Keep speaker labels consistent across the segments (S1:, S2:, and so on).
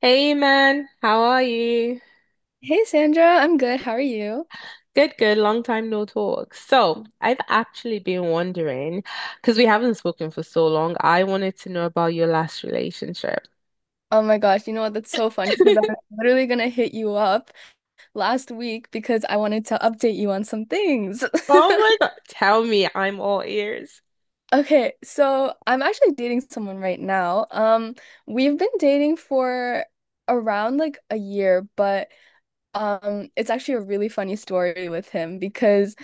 S1: Hey man, how are you?
S2: Hey Sandra, I'm good. How are you?
S1: Good, good. Long time no talk. So, I've actually been wondering, because we haven't spoken for so long, I wanted to know about your last relationship.
S2: Oh my gosh, you know what? That's so funny because I'm literally gonna hit you up last week because I wanted to update you on some things.
S1: Oh my, god! Tell me, I'm all ears.
S2: Okay, so I'm actually dating someone right now. We've been dating for around like a year, but it's actually a really funny story with him because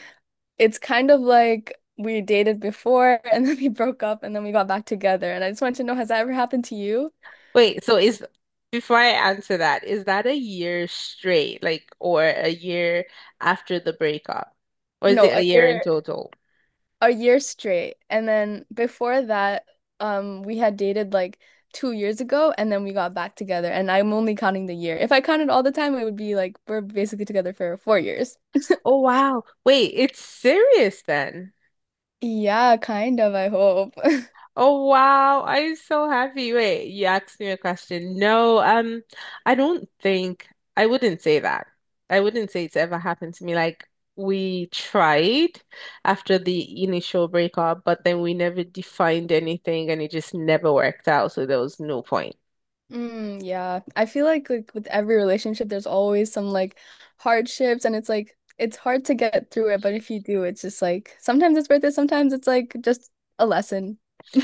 S2: it's kind of like we dated before and then we broke up and then we got back together. And I just wanted to know, has that ever happened to you?
S1: Wait, so is, before I answer that, is that a year straight, like, or a year after the breakup? Or is
S2: No,
S1: it a
S2: a
S1: year in
S2: year.
S1: total?
S2: A year straight. And then before that, we had dated like 2 years ago and then we got back together. And I'm only counting the year. If I counted all the time, it would be like we're basically together for 4 years.
S1: Oh, wow. Wait, it's serious then.
S2: Yeah, kind of, I hope.
S1: Oh wow, I'm so happy. Wait, you asked me a question. No, I don't think I wouldn't say that. I wouldn't say it's ever happened to me. Like we tried after the initial breakup, but then we never defined anything and it just never worked out, so there was no point.
S2: Mm, yeah. I feel like with every relationship there's always some like hardships and it's like it's hard to get through it, but if you do, it's just like sometimes it's worth it, sometimes it's like just a lesson.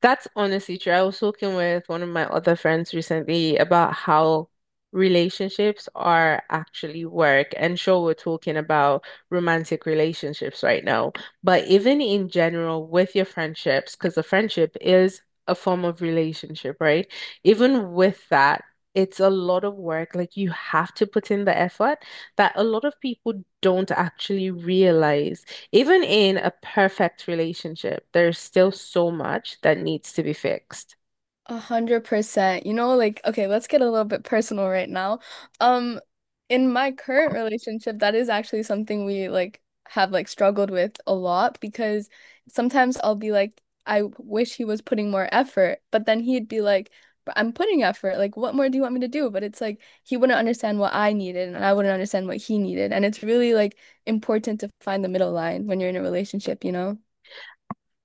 S1: That's honestly true. I was talking with one of my other friends recently about how relationships are actually work. And sure, we're talking about romantic relationships right now, but even in general with your friendships, because a friendship is a form of relationship, right? Even with that, it's a lot of work. Like you have to put in the effort that a lot of people don't actually realize. Even in a perfect relationship, there's still so much that needs to be fixed.
S2: 100%. You know, like, okay, let's get a little bit personal right now. Um, in my current relationship, that is actually something we like have like struggled with a lot because sometimes I'll be like, I wish he was putting more effort, but then he'd be like, "But I'm putting effort. Like, what more do you want me to do? But it's like he wouldn't understand what I needed and I wouldn't understand what he needed. And it's really like important to find the middle line when you're in a relationship, you know?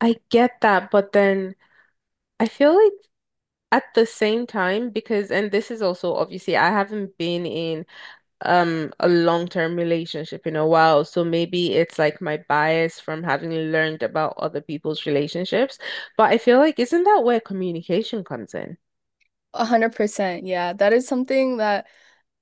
S1: I get that, but then I feel like at the same time, because, and this is also obviously, I haven't been in a long-term relationship in a while, so maybe it's like my bias from having learned about other people's relationships, but I feel like isn't that where communication comes in?
S2: 100%. Yeah, that is something that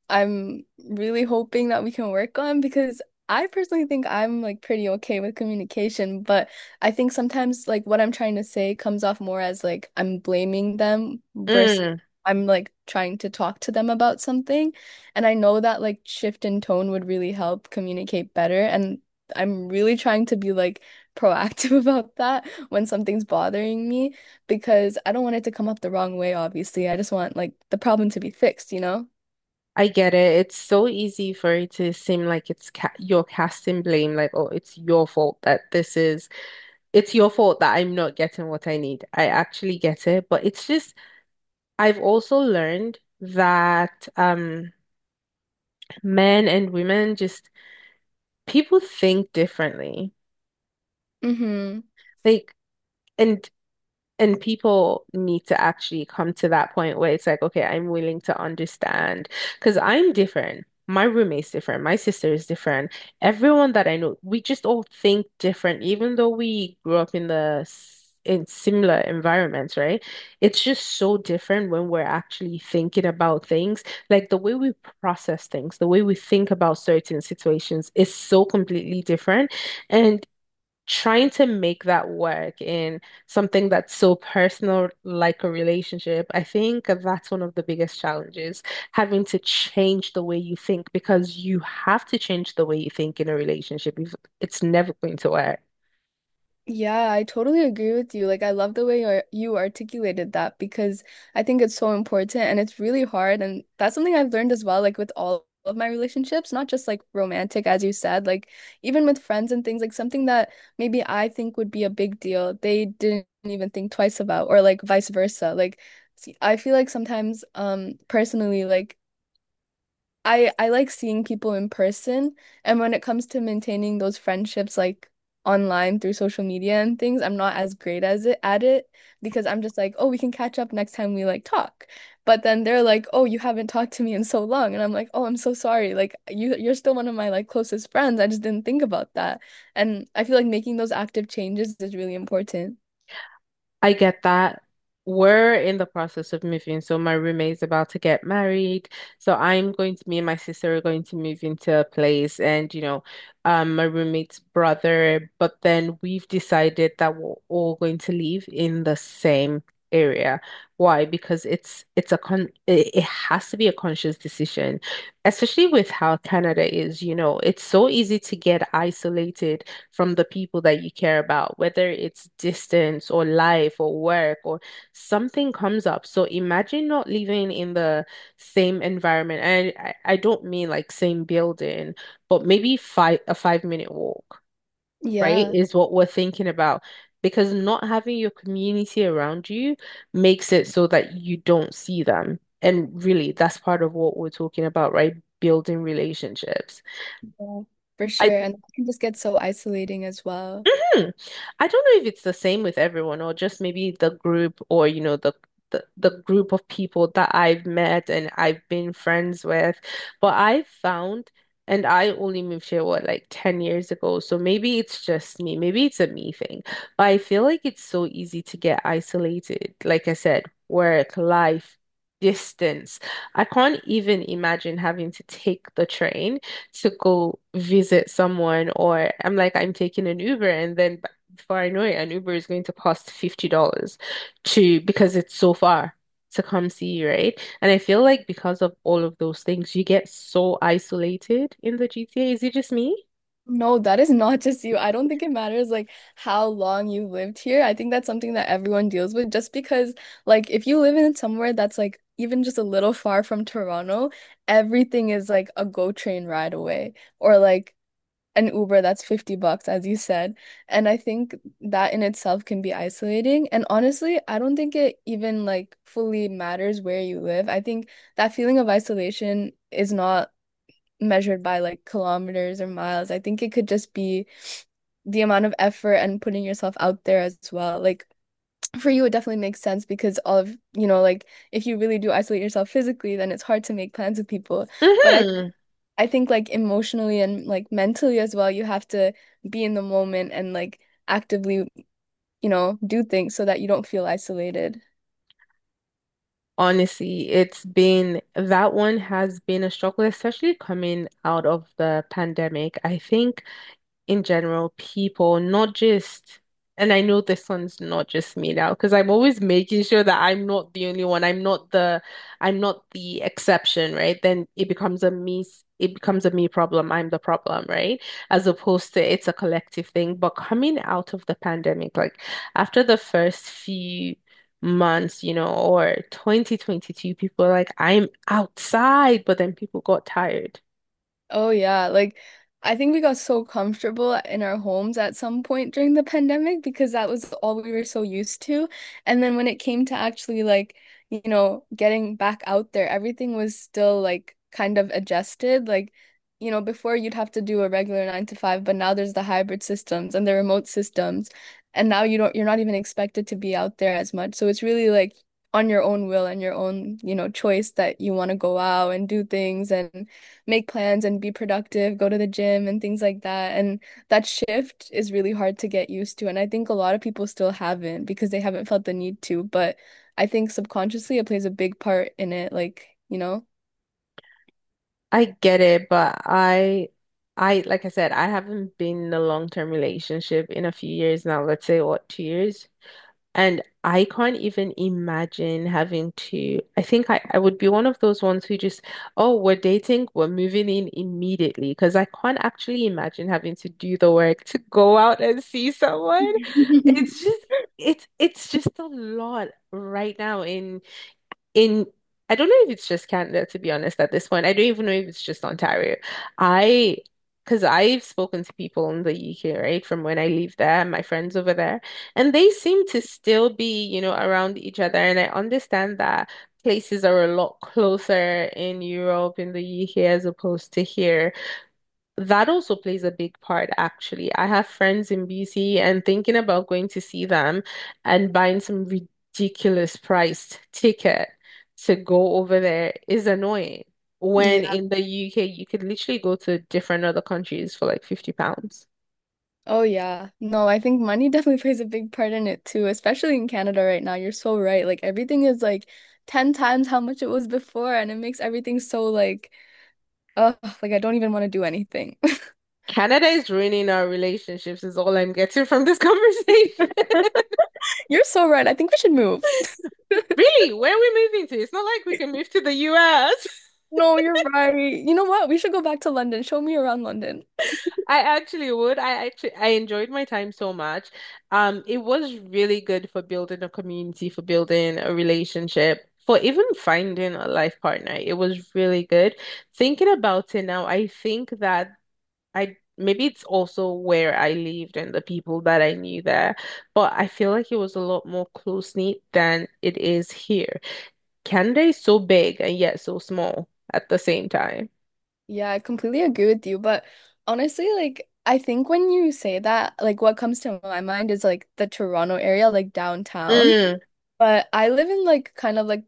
S2: I'm really hoping that we can work on because I personally think I'm like pretty okay with communication, but I think sometimes like what I'm trying to say comes off more as like I'm blaming them versus I'm like trying to talk to them about something. And I know that like shift in tone would really help communicate better. And I'm really trying to be like proactive about that when something's bothering me because I don't want it to come up the wrong way, obviously. I just want like the problem to be fixed, you know?
S1: I get it. It's so easy for it to seem like it's ca you're casting blame, like, oh, it's your fault that this is, it's your fault that I'm not getting what I need. I actually get it, but it's just, I've also learned that men and women just people think differently.
S2: Mm-hmm.
S1: Like, and And people need to actually come to that point where it's like, okay, I'm willing to understand because I'm different. My roommate's different. My sister is different. Everyone that I know, we just all think different, even though we grew up in in similar environments, right? It's just so different when we're actually thinking about things. Like the way we process things, the way we think about certain situations is so completely different. And trying to make that work in something that's so personal, like a relationship, I think that's one of the biggest challenges, having to change the way you think because you have to change the way you think in a relationship. It's never going to work.
S2: Yeah, I totally agree with you. Like, I love the way you articulated that because I think it's so important and it's really hard. And that's something I've learned as well, like with all of my relationships, not just like romantic, as you said, like even with friends and things, like something that maybe I think would be a big deal, they didn't even think twice about, or like vice versa. Like, I feel like sometimes, personally, like I like seeing people in person, and when it comes to maintaining those friendships like online through social media and things, I'm not as great as it at it because I'm just like, "Oh, we can catch up next time we like talk." But then they're like, "Oh, you haven't talked to me in so long." And I'm like, "Oh, I'm so sorry. Like you're still one of my like closest friends. I just didn't think about that." And I feel like making those active changes is really important.
S1: I get that. We're in the process of moving. So my roommate's about to get married. So me and my sister are going to move into a place and, you know, my roommate's brother. But then we've decided that we're all going to live in the same area. Why? Because it has to be a conscious decision, especially with how Canada is, you know, it's so easy to get isolated from the people that you care about, whether it's distance or life or work or something comes up. So imagine not living in the same environment. And I don't mean like same building, but maybe 5 minute walk, right?
S2: Yeah,
S1: Is what we're thinking about. Because not having your community around you makes it so that you don't see them. And really, that's part of what we're talking about, right? Building relationships.
S2: yeah, for
S1: I
S2: sure. And it can just get so isolating as well.
S1: Hmm. I don't know if it's the same with everyone or just maybe the group or you know the group of people that I've met and I've been friends with. But I found and I only moved here what like 10 years ago. So maybe it's just me. Maybe it's a me thing. But I feel like it's so easy to get isolated. Like I said, work, life, distance. I can't even imagine having to take the train to go visit someone, or I'm like, I'm taking an Uber, and before I know it, an Uber is going to cost $50 to because it's so far to come see you, right? And I feel like because of all of those things, you get so isolated in the GTA. Is it just me?
S2: No, that is not just you. I don't think it matters like how long you lived here. I think that's something that everyone deals with just because like if you live in somewhere that's like even just a little far from Toronto, everything is like a GO train ride away or like an Uber that's 50 bucks as you said. And I think that in itself can be isolating. And honestly, I don't think it even like fully matters where you live. I think that feeling of isolation is not measured by like kilometers or miles. I think it could just be the amount of effort and putting yourself out there as well. Like for you, it definitely makes sense because all of, you know, like if you really do isolate yourself physically, then it's hard to make plans with people. But
S1: Hmm.
S2: I think like emotionally and like mentally as well, you have to be in the moment and like actively, you know, do things so that you don't feel isolated.
S1: Honestly, it's been that one has been a struggle, especially coming out of the pandemic. I think in general, people, not just, and I know this one's not just me now, because I'm always making sure that I'm not the only one. I'm not the exception, right? Then it becomes a me problem. I'm the problem, right? As opposed to it's a collective thing. But coming out of the pandemic, like after the first few months, you know, or 2022, people are like, I'm outside, but then people got tired.
S2: Oh yeah, like I think we got so comfortable in our homes at some point during the pandemic because that was all we were so used to. And then when it came to actually like, you know, getting back out there, everything was still like kind of adjusted. Like, you know, before you'd have to do a regular nine to five, but now there's the hybrid systems and the remote systems. And now you don't, you're not even expected to be out there as much. So it's really like on your own will and your own, you know, choice that you want to go out and do things and make plans and be productive, go to the gym and things like that. And that shift is really hard to get used to. And I think a lot of people still haven't because they haven't felt the need to. But I think subconsciously it plays a big part in it. Like, you know?
S1: I get it, but I like I said, I haven't been in a long-term relationship in a few years now, let's say what, 2 years. And I can't even imagine having to. I would be one of those ones who just, oh, we're dating, we're moving in immediately. Because I can't actually imagine having to do the work to go out and see someone. It's just it's just a lot right now in I don't know if it's just Canada, to be honest, at this point. I don't even know if it's just Ontario. I, because I've spoken to people in the UK, right, from when I leave there, my friends over there, and they seem to still be, you know, around each other. And I understand that places are a lot closer in Europe, in the UK, as opposed to here. That also plays a big part, actually. I have friends in BC and thinking about going to see them and buying some ridiculous priced ticket to go over there is annoying. When
S2: Yeah.
S1: in the UK, you could literally go to different other countries for like £50.
S2: Oh, yeah. No, I think money definitely plays a big part in it too, especially in Canada right now. You're so right. Like everything is like 10 times how much it was before, and it makes everything so like, oh like I don't even want to do anything.
S1: Canada is ruining our relationships, is all I'm getting from this conversation.
S2: You're so right. I think we should move.
S1: Really? Where are we moving to? It's not like we can move to the US.
S2: No, you're right. You know what? We should go back to London. Show me around London.
S1: I actually would. I actually I enjoyed my time so much. It was really good for building a community, for building a relationship, for even finding a life partner. It was really good. Thinking about it now, I think that I maybe it's also where I lived and the people that I knew there, but I feel like it was a lot more close-knit than it is here. Canada is so big and yet so small at the same time.
S2: Yeah, I completely agree with you. But honestly, like, I think when you say that, like, what comes to my mind is like the Toronto area, like downtown.
S1: Mm,
S2: But I live in like kind of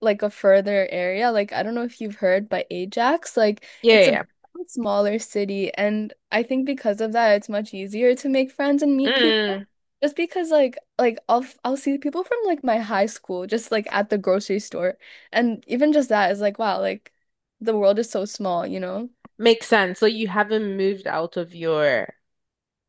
S2: like a further area. Like I don't know if you've heard, but Ajax, like
S1: yeah,
S2: it's a
S1: yeah.
S2: smaller city, and I think because of that, it's much easier to make friends and
S1: Yeah.
S2: meet people.
S1: Mm,
S2: Just because like I'll see people from like my high school just like at the grocery store, and even just that is like wow, like the world is so small, you know?
S1: makes sense. So you haven't moved out of your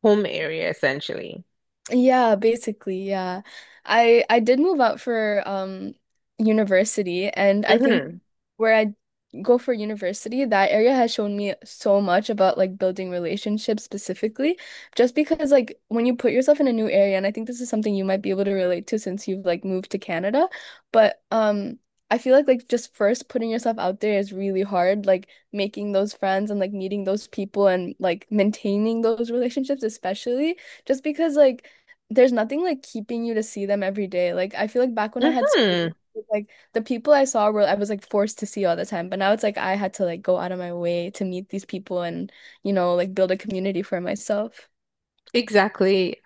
S1: home area essentially.
S2: Yeah, basically, yeah. I did move out for university and I think
S1: Mm-hmm.
S2: where I go for university, that area has shown me so much about like building relationships specifically, just because like when you put yourself in a new area, and I think this is something you might be able to relate to since you've like moved to Canada, but I feel like just first putting yourself out there is really hard, like making those friends and like meeting those people and like maintaining those relationships especially just because like there's nothing like keeping you to see them every day. Like I feel like back when I had school,
S1: Mm-hmm.
S2: like the people I saw were I was like forced to see all the time. But now it's like I had to like go out of my way to meet these people and, you know, like build a community for myself.
S1: Exactly.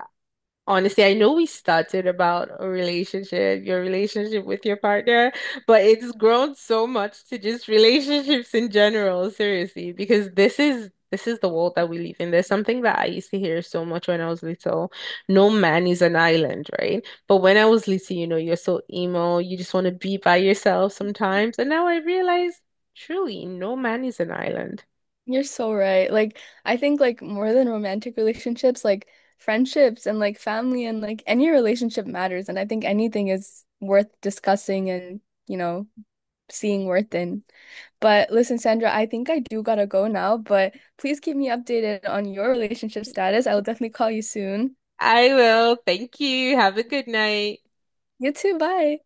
S1: Honestly, I know we started about a relationship, your relationship with your partner, but it's grown so much to just relationships in general, seriously, because this is the world that we live in. There's something that I used to hear so much when I was little. No man is an island, right? But when I was little, you know, you're so emo, you just want to be by yourself sometimes. And now I realize truly, no man is an island.
S2: You're so right. Like I think like more than romantic relationships, like friendships and like family and like any relationship matters. And I think anything is worth discussing and, you know, seeing worth in. But listen, Sandra, I think I do gotta go now, but please keep me updated on your relationship status. I will definitely call you soon.
S1: I will. Thank you. Have a good night.
S2: You too, bye.